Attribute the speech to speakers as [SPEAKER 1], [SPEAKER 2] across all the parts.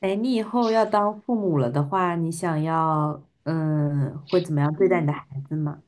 [SPEAKER 1] 哎，你以后要当父母了的话，你想要，会怎么样对待你的孩子吗？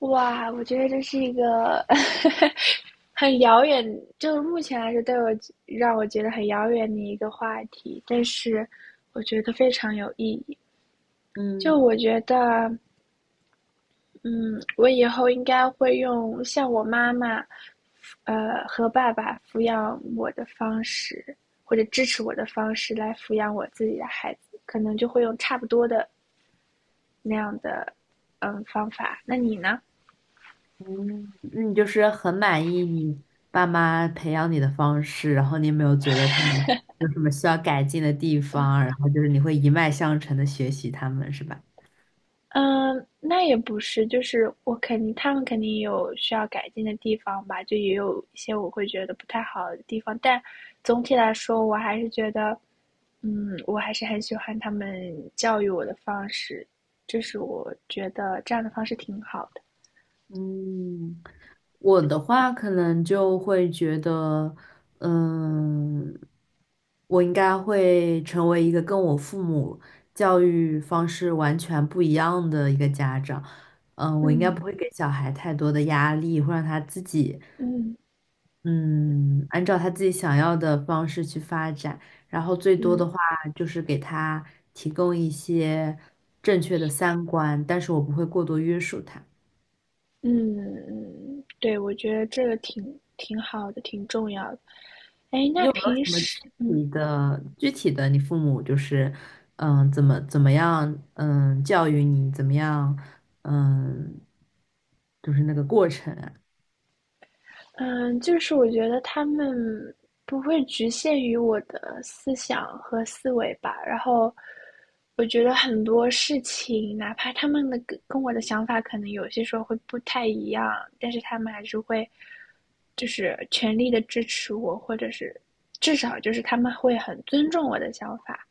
[SPEAKER 2] 哇，我觉得这是一个 很遥远，就是目前来说让我觉得很遥远的一个话题，但是我觉得非常有意义。就
[SPEAKER 1] 嗯
[SPEAKER 2] 我觉得，嗯，我以后应该会用像我妈妈，和爸爸抚养我的方式，或者支持我的方式来抚养我自己的孩子，可能就会用差不多的那样的，方法。那你呢？
[SPEAKER 1] 嗯，那你就是很满意你爸妈培养你的方式，然后你有没有觉得他们有什么需要改进的地方，然后就是你会一脉相承的学习他们，是吧？
[SPEAKER 2] 嗯，那也不是，就是我肯定他们肯定有需要改进的地方吧，就也有一些我会觉得不太好的地方，但总体来说，我还是觉得，我还是很喜欢他们教育我的方式，就是我觉得这样的方式挺好的。
[SPEAKER 1] 嗯，我的话可能就会觉得，嗯，我应该会成为一个跟我父母教育方式完全不一样的一个家长。我应该
[SPEAKER 2] 嗯
[SPEAKER 1] 不会给小孩太多的压力，会让他自己，
[SPEAKER 2] 嗯
[SPEAKER 1] 嗯，按照他自己想要的方式去发展。然后最多的
[SPEAKER 2] 嗯
[SPEAKER 1] 话就是给他提供一些正确的三观，但是我不会过多约束他。
[SPEAKER 2] 嗯，对，我觉得这个挺好的，挺重要的。哎，
[SPEAKER 1] 你
[SPEAKER 2] 那
[SPEAKER 1] 有没有什
[SPEAKER 2] 平
[SPEAKER 1] 么
[SPEAKER 2] 时，
[SPEAKER 1] 具体的、具体的？你父母就是，怎么样，教育你，怎么样，嗯，就是那个过程啊。
[SPEAKER 2] 嗯，就是我觉得他们不会局限于我的思想和思维吧。然后，我觉得很多事情，哪怕他们的跟我的想法可能有些时候会不太一样，但是他们还是会，就是全力的支持我，或者是至少就是他们会很尊重我的想法，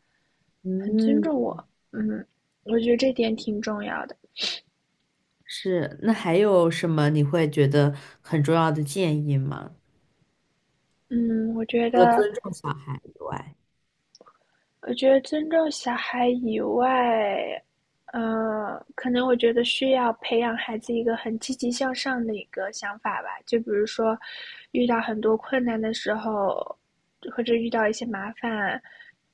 [SPEAKER 2] 很尊
[SPEAKER 1] 嗯，
[SPEAKER 2] 重我。嗯，我觉得这点挺重要的。
[SPEAKER 1] 是。那还有什么你会觉得很重要的建议吗？
[SPEAKER 2] 嗯，我觉
[SPEAKER 1] 除了
[SPEAKER 2] 得。
[SPEAKER 1] 尊重小孩以外，
[SPEAKER 2] 我觉得尊重小孩以外，可能我觉得需要培养孩子一个很积极向上的一个想法吧。就比如说，遇到很多困难的时候，或者遇到一些麻烦，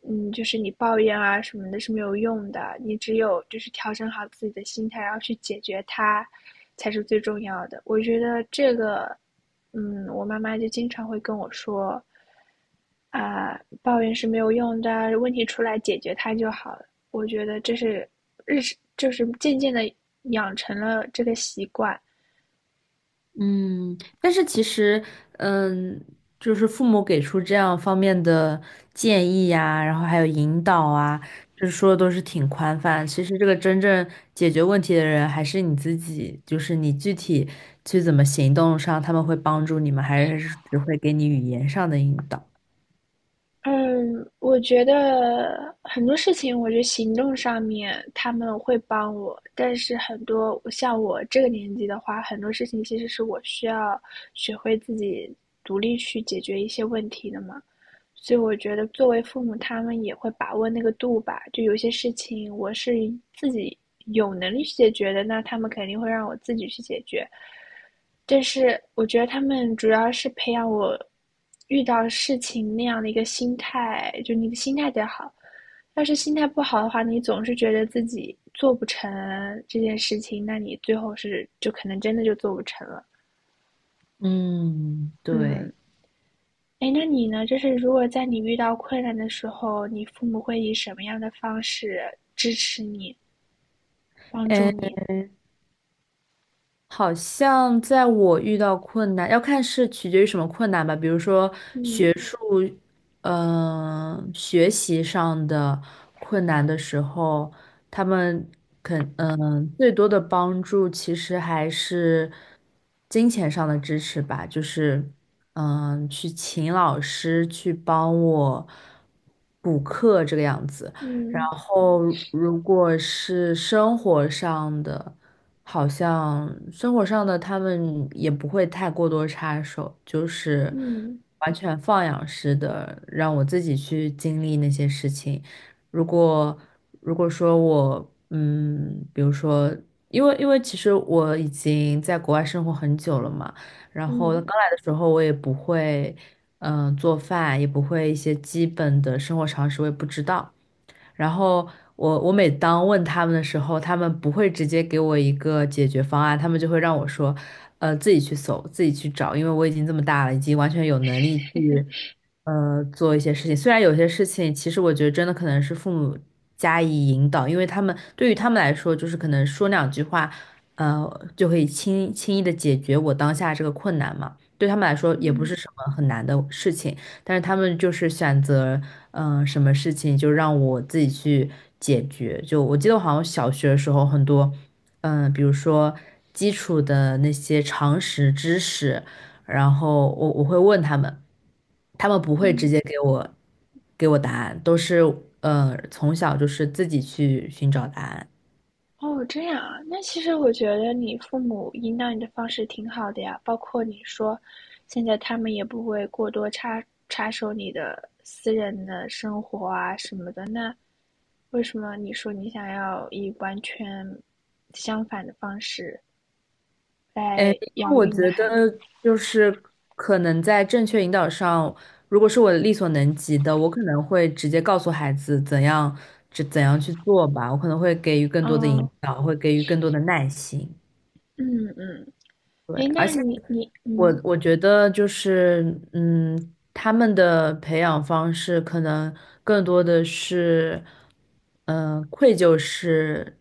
[SPEAKER 2] 就是你抱怨啊什么的是没有用的。你只有就是调整好自己的心态，然后去解决它，才是最重要的。我觉得这个，我妈妈就经常会跟我说，啊，抱怨是没有用的，问题出来解决它就好了。我觉得这是就是渐渐的养成了这个习惯。
[SPEAKER 1] 嗯，但是其实，嗯，就是父母给出这样方面的建议呀，然后还有引导啊，就是说的都是挺宽泛。其实这个真正解决问题的人还是你自己，就是你具体去怎么行动上，他们会帮助你们，还是只会给你语言上的引导？
[SPEAKER 2] 嗯，我觉得很多事情，我觉得行动上面他们会帮我，但是很多像我这个年纪的话，很多事情其实是我需要学会自己独立去解决一些问题的嘛。所以我觉得作为父母，他们也会把握那个度吧。就有些事情我是自己有能力去解决的，那他们肯定会让我自己去解决。但是我觉得他们主要是培养我遇到事情那样的一个心态，就你的心态得好。要是心态不好的话，你总是觉得自己做不成这件事情，那你最后是就可能真的就做不成了。
[SPEAKER 1] 嗯，对。
[SPEAKER 2] 嗯，哎，那你呢？就是如果在你遇到困难的时候，你父母会以什么样的方式支持你、帮助
[SPEAKER 1] 诶。
[SPEAKER 2] 你？
[SPEAKER 1] 好像在我遇到困难，要看是取决于什么困难吧。比如说
[SPEAKER 2] 嗯
[SPEAKER 1] 学术，学习上的困难的时候，他们嗯，最多的帮助其实还是金钱上的支持吧，就是去请老师去帮我补课这个样子。然
[SPEAKER 2] 嗯
[SPEAKER 1] 后如果是生活上的，好像生活上的他们也不会太过多插手，就是
[SPEAKER 2] 嗯
[SPEAKER 1] 完全放养式的让我自己去经历那些事情。如果如果说我，比如说，因为其实我已经在国外生活很久了嘛，然后刚
[SPEAKER 2] 嗯
[SPEAKER 1] 来的时候我也不会，做饭，也不会一些基本的生活常识，我也不知道。然后我每当问他们的时候，他们不会直接给我一个解决方案，他们就会让我说，自己去搜，自己去找，因为我已经这么大了，已经完全有能力去，做一些事情。虽然有些事情，其实我觉得真的可能是父母加以引导，因为他们对于他们来说，就是可能说两句话，就可以轻轻易的解决我当下这个困难嘛。对他们来说，也不
[SPEAKER 2] 嗯
[SPEAKER 1] 是什么很难的事情。但是他们就是选择，什么事情就让我自己去解决。就我记得我好像小学的时候很多，比如说基础的那些常识知识，然后我会问他们，他们不会
[SPEAKER 2] 嗯。
[SPEAKER 1] 直接给我答案，都是从小就是自己去寻找答案。
[SPEAKER 2] 哦，这样啊。那其实我觉得你父母引导你的方式挺好的呀，包括你说现在他们也不会过多插手你的私人的生活啊什么的。那为什么你说你想要以完全相反的方式
[SPEAKER 1] 哎，
[SPEAKER 2] 来
[SPEAKER 1] 因为
[SPEAKER 2] 养
[SPEAKER 1] 我
[SPEAKER 2] 育你的
[SPEAKER 1] 觉
[SPEAKER 2] 孩子？
[SPEAKER 1] 得就是可能在正确引导上，如果是我力所能及的，我可能会直接告诉孩子怎样去做吧，我可能会给予更多的
[SPEAKER 2] 嗯
[SPEAKER 1] 引导，会给予更多的耐心。
[SPEAKER 2] 嗯嗯，
[SPEAKER 1] 对，
[SPEAKER 2] 诶，
[SPEAKER 1] 而
[SPEAKER 2] 那
[SPEAKER 1] 且
[SPEAKER 2] 你你
[SPEAKER 1] 我
[SPEAKER 2] 嗯
[SPEAKER 1] 我觉得就是，他们的培养方式可能更多的是，愧疚式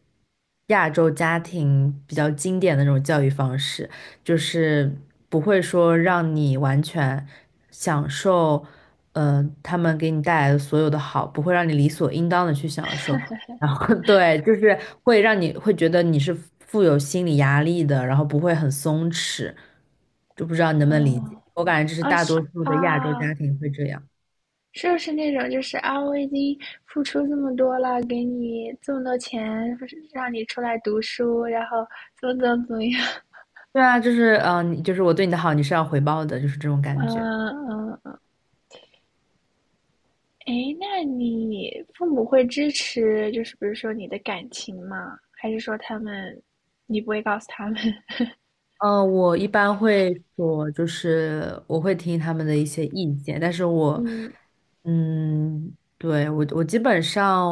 [SPEAKER 1] 亚洲家庭比较经典的那种教育方式，就是不会说让你完全享受，他们给你带来的所有的好，不会让你理所应当的去享受。然后 对，就是会让你会觉得你是富有心理压力的，然后不会很松弛，就不知道你能不能理解。
[SPEAKER 2] 哦
[SPEAKER 1] 我感觉这是
[SPEAKER 2] 啊
[SPEAKER 1] 大
[SPEAKER 2] 是
[SPEAKER 1] 多数的亚洲
[SPEAKER 2] 啊，
[SPEAKER 1] 家庭会这样。
[SPEAKER 2] 是不是那种就是啊，我已经付出这么多了，给你这么多钱，让你出来读书，然后怎么怎么怎么样？
[SPEAKER 1] 对啊，就是你就是我对你的好，你是要回报的，就是这种
[SPEAKER 2] 嗯
[SPEAKER 1] 感觉。
[SPEAKER 2] 嗯，诶，那你父母会支持，就是比如说你的感情吗？还是说他们，你不会告诉他们？
[SPEAKER 1] 嗯，我一般会说，就是我会听他们的一些意见，但是我，
[SPEAKER 2] 嗯
[SPEAKER 1] 对，我基本上，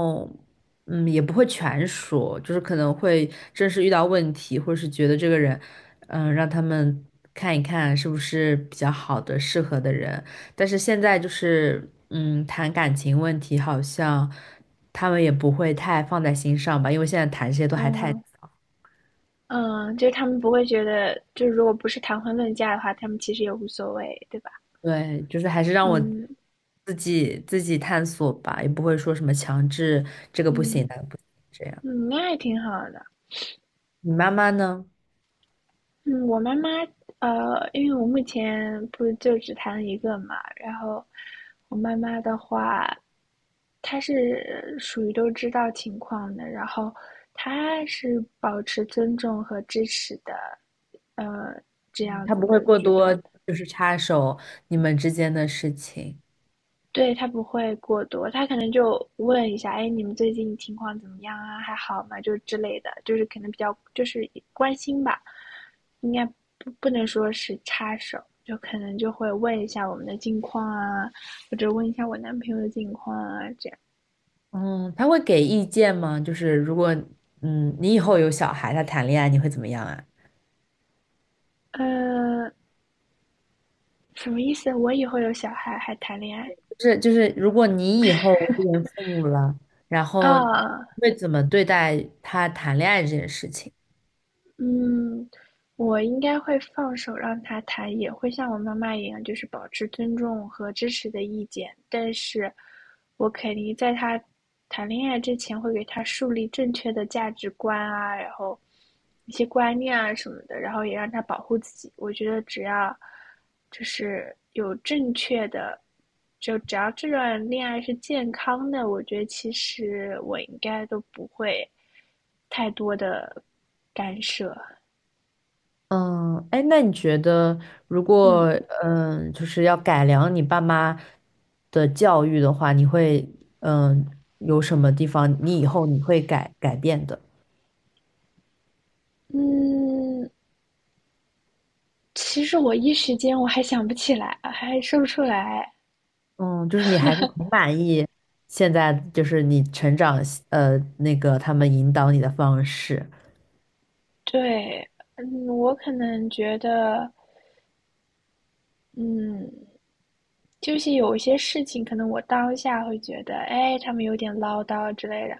[SPEAKER 1] 也不会全说，就是可能会真是遇到问题，或者是觉得这个人，让他们看一看是不是比较好的、适合的人。但是现在就是，谈感情问题，好像他们也不会太放在心上吧，因为现在谈这些都还太
[SPEAKER 2] 嗯
[SPEAKER 1] 早。
[SPEAKER 2] 嗯，就是他们不会觉得，就是如果不是谈婚论嫁的话，他们其实也无所谓，对吧？
[SPEAKER 1] 对，就是还是让我
[SPEAKER 2] 嗯
[SPEAKER 1] 自己探索吧，也不会说什么强制这个不行
[SPEAKER 2] 嗯
[SPEAKER 1] 那个不行这样。
[SPEAKER 2] 嗯，那也挺好的。
[SPEAKER 1] 你妈妈呢？
[SPEAKER 2] 嗯，我妈妈，因为我目前不是就只谈了一个嘛，然后我妈妈的话，她是属于都知道情况的，然后她是保持尊重和支持的，呃，这样
[SPEAKER 1] 她
[SPEAKER 2] 子
[SPEAKER 1] 不会
[SPEAKER 2] 的
[SPEAKER 1] 过
[SPEAKER 2] 举
[SPEAKER 1] 多
[SPEAKER 2] 动。
[SPEAKER 1] 就是插手你们之间的事情。
[SPEAKER 2] 对，他不会过多，他可能就问一下，哎，你们最近情况怎么样啊？还好吗？就之类的，就是可能比较就是关心吧，应该不能说是插手，就可能就会问一下我们的近况啊，或者问一下我男朋友的近况啊，这样。
[SPEAKER 1] 嗯，她会给意见吗？就是如果你以后有小孩，他谈恋爱，你会怎么样啊？
[SPEAKER 2] 呃，什么意思？我以后有小孩还谈恋爱？
[SPEAKER 1] 就是如果你以后为人父母了，然后
[SPEAKER 2] 啊，
[SPEAKER 1] 会怎么对待他谈恋爱这件事情？
[SPEAKER 2] 嗯，我应该会放手让他谈，也会像我妈妈一样，就是保持尊重和支持的意见。但是，我肯定在他谈恋爱之前，会给他树立正确的价值观啊，然后一些观念啊什么的，然后也让他保护自己。我觉得只要就是有正确的，就只要这段恋爱是健康的，我觉得其实我应该都不会太多的干涉。
[SPEAKER 1] 嗯，哎，那你觉得，如
[SPEAKER 2] 嗯。
[SPEAKER 1] 果就是要改良你爸妈的教育的话，你会嗯有什么地方你以后你会改变的？
[SPEAKER 2] 嗯，其实我一时间我还想不起来，还说不出来。
[SPEAKER 1] 嗯，就是你还是挺满意现在就是你成长那个他们引导你的方式。
[SPEAKER 2] 对，我可能觉得，嗯，就是有一些事情，可能我当下会觉得，哎，他们有点唠叨之类的，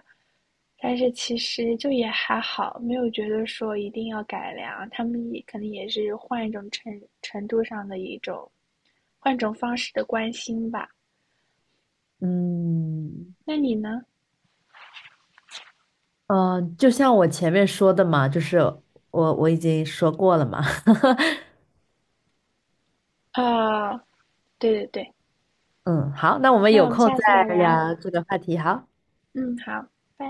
[SPEAKER 2] 但是其实就也还好，没有觉得说一定要改良。他们也可能也是换一种程度上的一种，换一种方式的关心吧。
[SPEAKER 1] 嗯
[SPEAKER 2] 那你呢？
[SPEAKER 1] 嗯，就像我前面说的嘛，就是我已经说过了嘛。
[SPEAKER 2] 啊、对对对，
[SPEAKER 1] 嗯，好，那我们
[SPEAKER 2] 那
[SPEAKER 1] 有
[SPEAKER 2] 我们
[SPEAKER 1] 空
[SPEAKER 2] 下次再
[SPEAKER 1] 再
[SPEAKER 2] 聊。
[SPEAKER 1] 聊这个话题，好。
[SPEAKER 2] 嗯，好，拜。